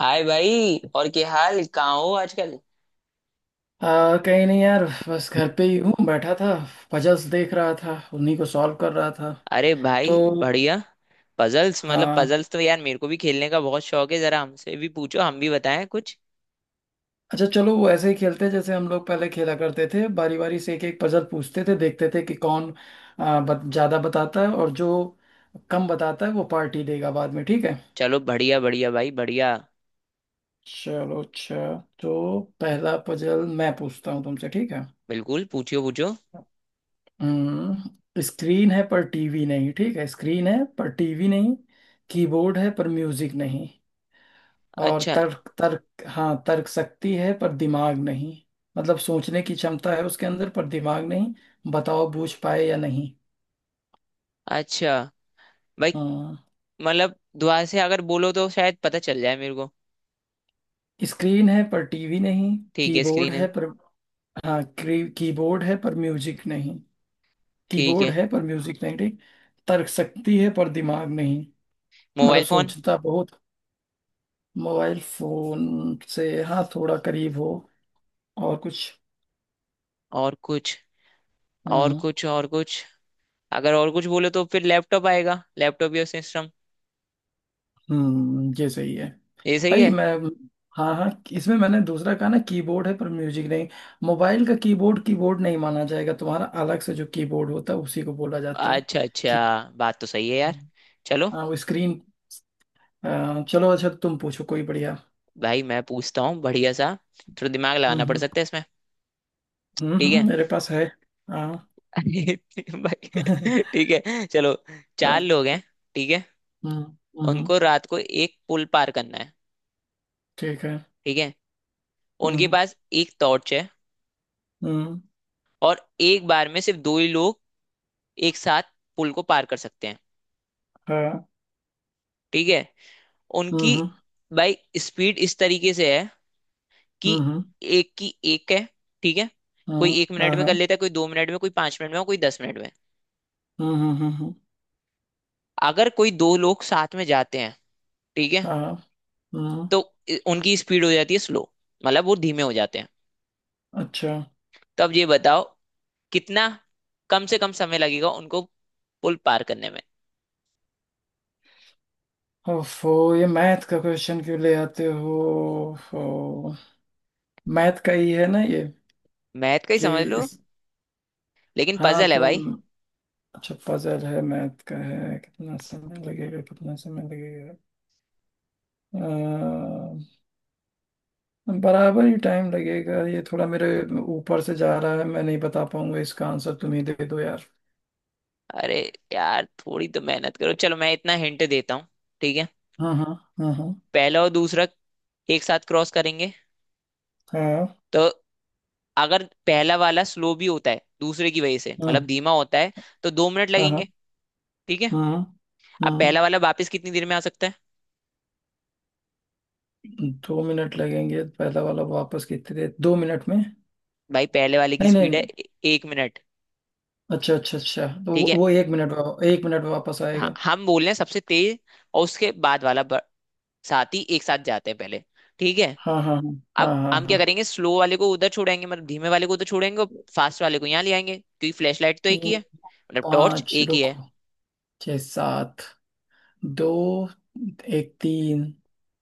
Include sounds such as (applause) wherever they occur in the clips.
हाय भाई, और क्या हाल? कहाँ हो आजकल? कहीं नहीं यार, बस घर पे ही हूँ बैठा था। पजल्स देख रहा था, उन्हीं को सॉल्व कर रहा था। अरे भाई तो बढ़िया। पजल्स मतलब, हाँ। पजल्स तो यार मेरे को भी खेलने का बहुत शौक है। जरा हमसे भी पूछो, हम भी बताएं कुछ। अच्छा चलो, वो ऐसे ही खेलते हैं जैसे हम लोग पहले खेला करते थे, बारी बारी से एक एक पजल पूछते थे, देखते थे कि कौन ज्यादा बताता है और जो कम बताता है वो पार्टी देगा बाद में, ठीक है? चलो बढ़िया, बढ़िया भाई, बढ़िया। चलो अच्छा। तो पहला पजल मैं पूछता हूँ तुमसे, ठीक है? बिल्कुल, पूछियो पूछो। हम्म स्क्रीन है पर टीवी नहीं। ठीक है, स्क्रीन है पर टीवी नहीं। कीबोर्ड है पर म्यूजिक नहीं। और अच्छा, तर्क तर्क हाँ, तर्क शक्ति है पर दिमाग नहीं। मतलब सोचने की क्षमता है उसके अंदर पर दिमाग नहीं। बताओ बूझ पाए या नहीं? अच्छा भाई। हाँ, मतलब दुआ से अगर बोलो तो शायद पता चल जाए मेरे को। स्क्रीन है पर टीवी नहीं। ठीक है, कीबोर्ड स्क्रीन है। है पर, हाँ, कीबोर्ड है पर म्यूजिक नहीं। ठीक कीबोर्ड है। है पर म्यूजिक नहीं, ठीक। तर्क शक्ति है पर दिमाग नहीं। मतलब मोबाइल फोन। सोचता बहुत। मोबाइल फोन से हाँ थोड़ा करीब हो। और कुछ? और कुछ? हाँ और हाँ। कुछ? और कुछ? अगर और कुछ बोलो तो फिर लैपटॉप आएगा, लैपटॉप या सिस्टम। ये सही है। ये सही भाई है। मैं, हाँ हाँ, इसमें मैंने दूसरा कहा ना, कीबोर्ड है पर म्यूजिक नहीं। मोबाइल का कीबोर्ड कीबोर्ड नहीं माना जाएगा, तुम्हारा अलग से जो कीबोर्ड होता है उसी को बोला जाता है अच्छा, अच्छा। कि। बात तो सही है यार। चलो। हाँ वो स्क्रीन। चलो अच्छा, तुम पूछो कोई बढ़िया। भाई, मैं पूछता हूँ बढ़िया सा। थोड़ा दिमाग हम्म लगाना पड़ हम्म सकता है इसमें। ठीक है। मेरे पास है। हाँ। (laughs) (laughs) हाँ। भाई। ठीक है, चलो। चार लोग हैं। ठीक है। हम्म। हम्म। उनको रात को एक पुल पार करना है। ठीक है। ठीक है। उनके हम्म। पास एक टॉर्च है। हम्म। और एक बार में सिर्फ दो ही लोग एक साथ पुल को पार कर सकते हैं। हाँ। ठीक है। हम्म। उनकी, हम्म। भाई, स्पीड इस तरीके से है कि हम्म। एक की एक है। ठीक है। हम्म। कोई एक मिनट हाँ में हाँ। कर लेता है, कोई दो मिनट में, कोई 5 मिनट में और कोई 10 मिनट में। हम्म। हम्म। हम्म। हम्म। अगर कोई दो लोग साथ में जाते हैं, ठीक है, हाँ। हम्म। तो उनकी स्पीड हो जाती है स्लो। मतलब वो धीमे हो जाते हैं। अच्छा। तो अब ये बताओ कितना कम से कम समय लगेगा उनको पुल पार करने में। ओफो, ये मैथ का क्वेश्चन क्यों ले आते हो? ओफो, मैथ का ही है ना ये? मैथ का ही कि समझ लो। इस, लेकिन हाँ पजल है भाई। तुम। अच्छा पजल है, मैथ का है, कितना समय लगेगा, कितना समय लगेगा? अ, बराबर ही टाइम लगेगा, ये थोड़ा मेरे ऊपर से जा रहा है, मैं नहीं बता पाऊंगा, इसका आंसर तुम ही दे दो यार। अरे यार, थोड़ी तो मेहनत करो। चलो, मैं इतना हिंट देता हूँ। ठीक है। हाँ हाँ हाँ हाँ पहला और दूसरा एक साथ क्रॉस करेंगे। तो अगर पहला वाला स्लो भी होता है दूसरे की वजह से, मतलब हाँ धीमा होता है, तो 2 मिनट हाँ लगेंगे। ठीक है। हाँ हाँ, अब हाँ। पहला वाला वापस कितनी देर में आ सकता है? 2 मिनट लगेंगे, पहला वाला वापस कितने, 2 मिनट में? भाई, पहले वाले की नहीं स्पीड नहीं, है 1 मिनट। अच्छा अच्छा अच्छा, तो ठीक वो, है। वो 1 मिनट 1 मिनट में वापस हाँ, आएगा। हम बोल रहे हैं सबसे तेज। और उसके बाद वाला साथी एक साथ जाते हैं पहले। ठीक है। हाँ हाँ हाँ हाँ अब हाँ हम क्या हाँ। करेंगे, स्लो वाले को उधर छोड़ेंगे, मतलब धीमे वाले को उधर छोड़ेंगे और फास्ट वाले को यहाँ ले आएंगे, क्योंकि फ्लैश लाइट तो एक ही तीन, है, मतलब टॉर्च पाँच एक ही है। रुको, छः सात, दो, एक तीन,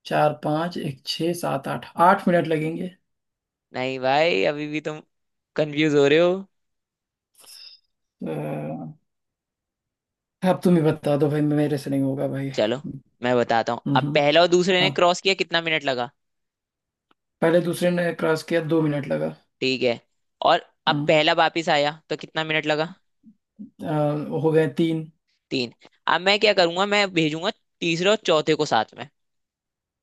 चार पाँच एक छः सात आठ, 8 मिनट लगेंगे। नहीं भाई, अभी भी तुम कंफ्यूज हो रहे हो। अ, अब तुम ही बता दो भाई, मेरे से नहीं होगा भाई। चलो, मैं बताता हूँ। हम्म। अब हम्म। पहला और दूसरे ने हाँ, क्रॉस किया, कितना मिनट लगा? पहले दूसरे ने क्रॉस किया, 2 मिनट लगा। ठीक है। और अब हम्म पहला वापिस आया तो कितना मिनट लगा? हो गए तीन। तीन। अब मैं क्या करूंगा, मैं भेजूंगा तीसरे और चौथे को साथ में।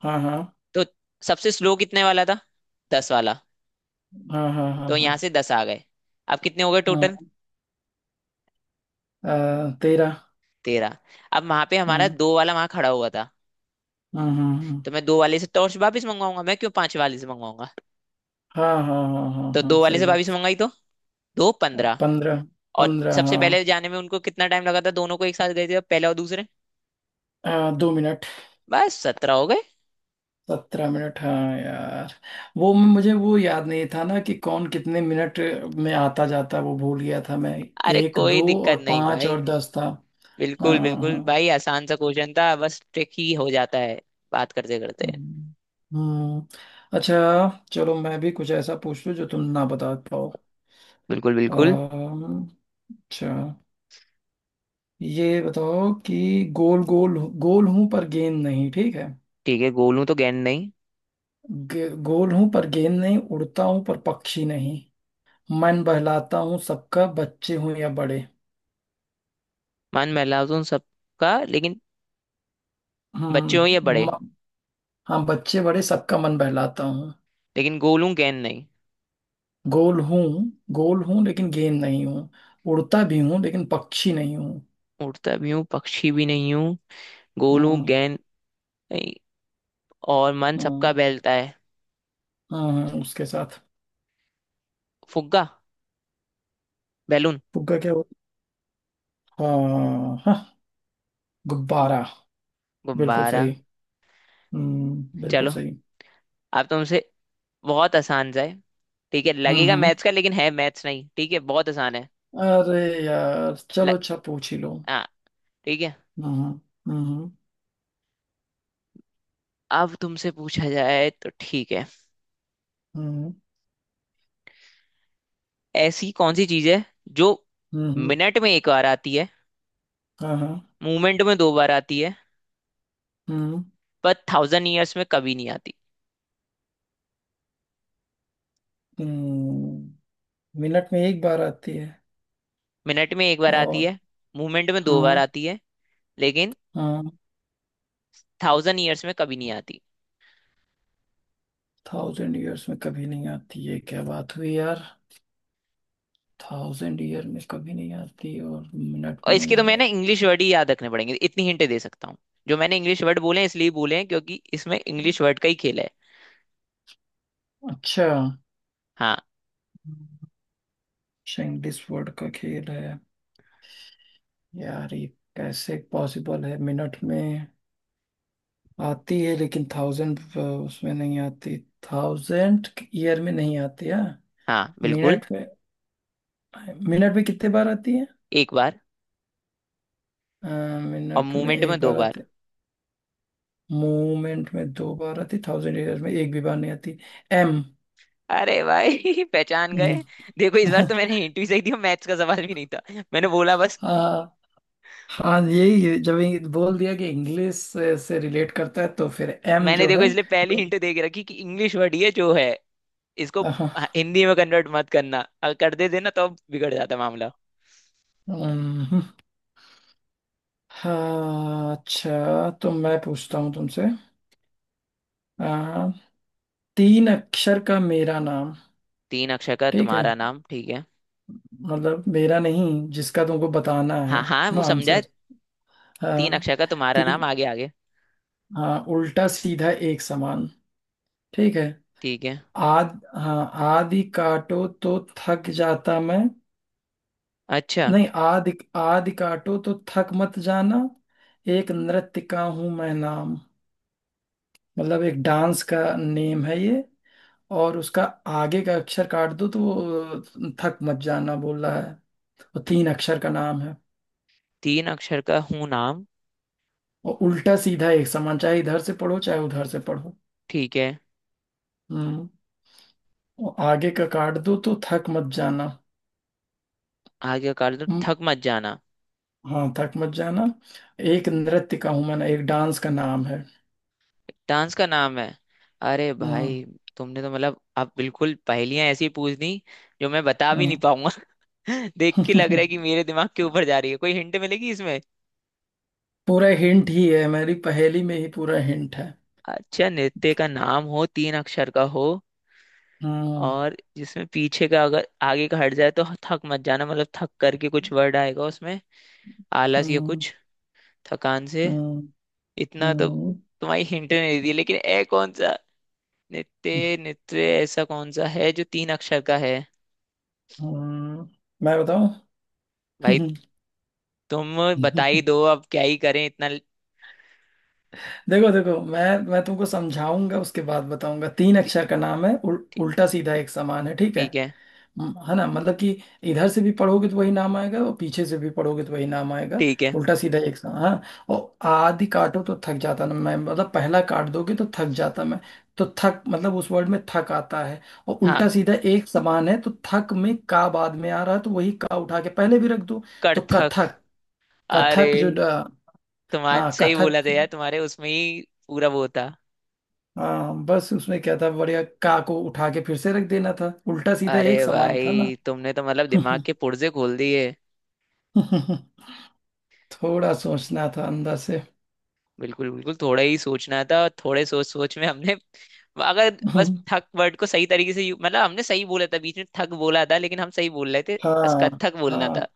हाँ हाँ तो सबसे स्लो कितने वाला था? 10 वाला। हाँ हाँ हाँ तो हाँ यहाँ से 10 आ गए। अब कितने हो गए टोटल? हाँ। 13। 13। अब वहां पे हमारा हाँ दो वाला वहां खड़ा हुआ था। हाँ हाँ तो मैं दो वाले से टॉर्च वापिस मंगवाऊंगा, मैं क्यों पांच वाले से मंगवाऊंगा? हाँ हाँ हाँ हाँ हाँ तो हाँ, दो वाले सही से वापिस बात। मंगाई, तो दो 15। 15, और 15 सबसे हाँ। पहले जाने में उनको कितना टाइम लगा था, दोनों को, एक साथ गए थे पहला और दूसरे? 2 मिनट। बस 17 हो गए। 17 मिनट हाँ यार, वो मुझे वो याद नहीं था ना कि कौन कितने मिनट में आता जाता, वो भूल गया था मैं। अरे एक, कोई दो, दिक्कत और नहीं पाँच भाई। और 10 था। बिल्कुल हाँ बिल्कुल हाँ। भाई, आसान सा क्वेश्चन था, बस ट्रिक ही हो जाता है। बात करते करते। हम्म हम्म, अच्छा चलो, मैं भी कुछ ऐसा पूछ लूँ जो तुम ना बता पाओ। बिल्कुल बिल्कुल। अम्म, अच्छा, ये बताओ कि गोल गोल गोल हूं पर गेंद नहीं, ठीक है? ठीक है, गोलू तो गेंद नहीं। गोल हूं पर गेंद नहीं, उड़ता हूं पर पक्षी नहीं, मन बहलाता हूँ सबका, बच्चे हूँ या बड़े। मान महलाजुन सबका, लेकिन बच्चे हो या हम्म। बड़े। म- हाँ, बच्चे बड़े सबका मन बहलाता हूँ। लेकिन गोलू गेंद नहीं। गोल हूँ गोल हूँ लेकिन गेंद नहीं हूँ। उड़ता भी हूँ लेकिन पक्षी नहीं हूँ। उड़ता भी हूँ, पक्षी भी नहीं हूँ। गोलू हाँ गेंद नहीं, और मन सबका हाँ बहलता है। हाँ हाँ, उसके साथ। फुग्गा, बैलून, फुग्गा क्या होता? हाँ हाँ, गुब्बारा। बिल्कुल गुब्बारा। सही। हम्म, बिल्कुल चलो, सही। अब तुमसे। बहुत आसान सा है। ठीक है, हम्म लगेगा हम्म मैथ्स का, लेकिन है मैथ्स नहीं। ठीक है, बहुत आसान है। अरे यार ल... चलो अच्छा, पूछ ही लो। हाँ। ठीक है। हम्म। हम्म। अब तुमसे पूछा जाए तो ठीक है। हम्म। ऐसी कौन सी चीज है जो हम्म। हम्म। हम्म। मिनट में एक बार आती है, हाँ हाँ। मूवमेंट में दो बार आती है, हम्म पर 1000 ईयर्स में कभी नहीं आती? हम्म मिनट में एक बार आती है। मिनट में एक बार आती और है, मूवमेंट में दो बार हाँ आती है, लेकिन हाँ, 1000 ईयर्स में कभी नहीं आती। थाउजेंड ईयर्स में कभी नहीं आती है, क्या बात हुई यार? थाउजेंड ईयर में कभी नहीं आती और मिनट और इसके तो मैं में। ना इंग्लिश वर्ड ही याद रखने पड़ेंगे, इतनी हिंट दे सकता हूँ। जो मैंने इंग्लिश वर्ड बोले हैं, इसलिए बोले हैं क्योंकि इसमें इंग्लिश वर्ड का ही खेल है। अच्छा। हाँ, अच्छा, इंग्लिश वर्ड का खेल है। यार ये कैसे पॉसिबल है? मिनट में आती है लेकिन थाउजेंड उसमें नहीं आती। थाउजेंड ईयर में नहीं आती है, हाँ, बिल्कुल। मिनट में, मिनट में कितने बार आती है? एक बार, अ, और मिनट में मूवमेंट में एक दो बार बार। आती, मूवमेंट में दो बार आती, थाउजेंड ईयर्स में एक भी बार नहीं आती, एम। अरे भाई (laughs) पहचान गए। (laughs) देखो, इस बार तो मैंने हिंट भी सही दी, मैथ्स का सवाल भी नहीं था। मैंने बोला बस। हाँ हाँ, यही है। जब ये बोल दिया कि इंग्लिश से रिलेट करता है, तो फिर एम मैंने जो देखो है। इसलिए पहली हिंट दे के रखी कि इंग्लिश वर्ड ये जो है, इसको, हाँ। हाँ, हिंदी में कन्वर्ट मत करना, अगर कर देते ना तो बिगड़ जाता मामला। हम्म, हाँ, अच्छा, तो मैं पूछता हूँ तुमसे। आ, तीन अक्षर का मेरा नाम। तीन अक्षर का ठीक है, तुम्हारा नाम। ठीक है। मतलब मेरा नहीं, जिसका तुमको बताना है हाँ, हाँ, वो समझा है। आंसर। तीन हाँ। अक्षर का तुम्हारा नाम, ती आगे आगे। हाँ, उल्टा सीधा एक समान, ठीक है। ठीक है। आद हाँ, आदि काटो तो थक जाता मैं। अच्छा। नहीं, आदि आदि काटो तो थक मत जाना। एक नृत्य का हूं मैं नाम, मतलब एक डांस का नेम है ये, और उसका आगे का अक्षर काट दो तो वो थक मत जाना बोल रहा है। वो तीन अक्षर का नाम है, तीन अक्षर का हूँ नाम। और उल्टा सीधा एक समान, चाहे इधर से पढ़ो चाहे उधर से पढ़ो। ठीक है। हम्म और आगे का काट दो तो थक मत जाना। आगे कर दो हम्म, थक मत जाना। हाँ, थक मत जाना। एक नृत्य का हूं मैं ना, एक डांस का नाम है। डांस का नाम है। अरे भाई, हाँ तुमने तो मतलब अब बिल्कुल पहेलियां ऐसी पूछ दी जो मैं बता भी हाँ। नहीं पाऊंगा। (laughs) देख के लग रहा है (laughs) कि मेरे दिमाग के ऊपर जा रही है। कोई हिंट मिलेगी इसमें? पूरा हिंट ही है, मेरी पहेली में ही पूरा हिंट है। अच्छा, नृत्य का नाम हो, तीन अक्षर का हो, हाँ और जिसमें पीछे का, अगर आगे का हट जाए, तो थक मत जाना, मतलब थक करके कुछ वर्ड आएगा उसमें। आलस या हाँ कुछ, थकान से। हाँ इतना तो हाँ तुम्हारी हिंट नहीं दी, लेकिन ए कौन सा नित्य, नित्य ऐसा कौन सा है जो तीन अक्षर का है? हाँ। मैं बताऊं? भाई, तुम बता ही दो (laughs) अब, क्या ही करें, इतना देखो देखो, मैं तुमको समझाऊंगा उसके बाद बताऊंगा। तीन ठी- अक्षर का नाम है, ठी- उल्टा सीधा एक समान है, ठीक है? ठीक है। हाँ, है ना, मतलब कि इधर से भी पढ़ोगे तो वही नाम आएगा और पीछे से भी पढ़ोगे तो वही नाम आएगा। ठीक है। उल्टा सीधा एक सा, हाँ। और आदि काटो तो थक जाता ना मैं, मतलब पहला काट दोगे तो थक जाता मैं, तो थक मतलब उस वर्ड में थक आता है। और उल्टा हाँ। सीधा एक समान है, तो थक में का बाद में आ रहा है, तो वही का उठा के पहले भी रख दो, तो कड़थक। कथक। अरे, कथक जो तुम्हारे हाँ, सही कथक। बोला था यार, तुम्हारे उसमें ही पूरा वो था। हाँ, बस उसमें क्या था, बढ़िया का को उठा के फिर से रख देना था, उल्टा सीधा अरे एक समान था ना। भाई, तुमने तो मतलब दिमाग के पुर्जे खोल दिए। (laughs) थोड़ा सोचना था अंदर से। बिल्कुल बिल्कुल, थोड़ा ही सोचना था, थोड़े सोच सोच में हमने। अगर बस (laughs) ठक वर्ड को सही तरीके से मतलब हमने सही बोला था, बीच में ठक बोला था, लेकिन हम सही बोल रहे थे। बस हाँ कत्थक बोलना था। हाँ,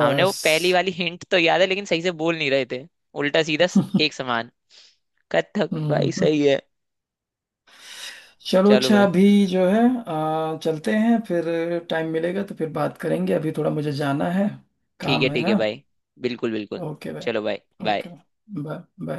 हमने वो पहली वाली हिंट तो याद है, लेकिन सही से बोल नहीं रहे थे। उल्टा सीधा (laughs) एक समान। कत्थक भाई हम्म। सही है। चलो चलो अच्छा, भाई। अभी जो है, चलते हैं फिर। टाइम मिलेगा तो फिर बात करेंगे, अभी थोड़ा मुझे जाना है, ठीक है, काम है। ठीक है हाँ, भाई। बिल्कुल बिल्कुल। ओके चलो भाई, भाई, ओके। बाय। Bye bye.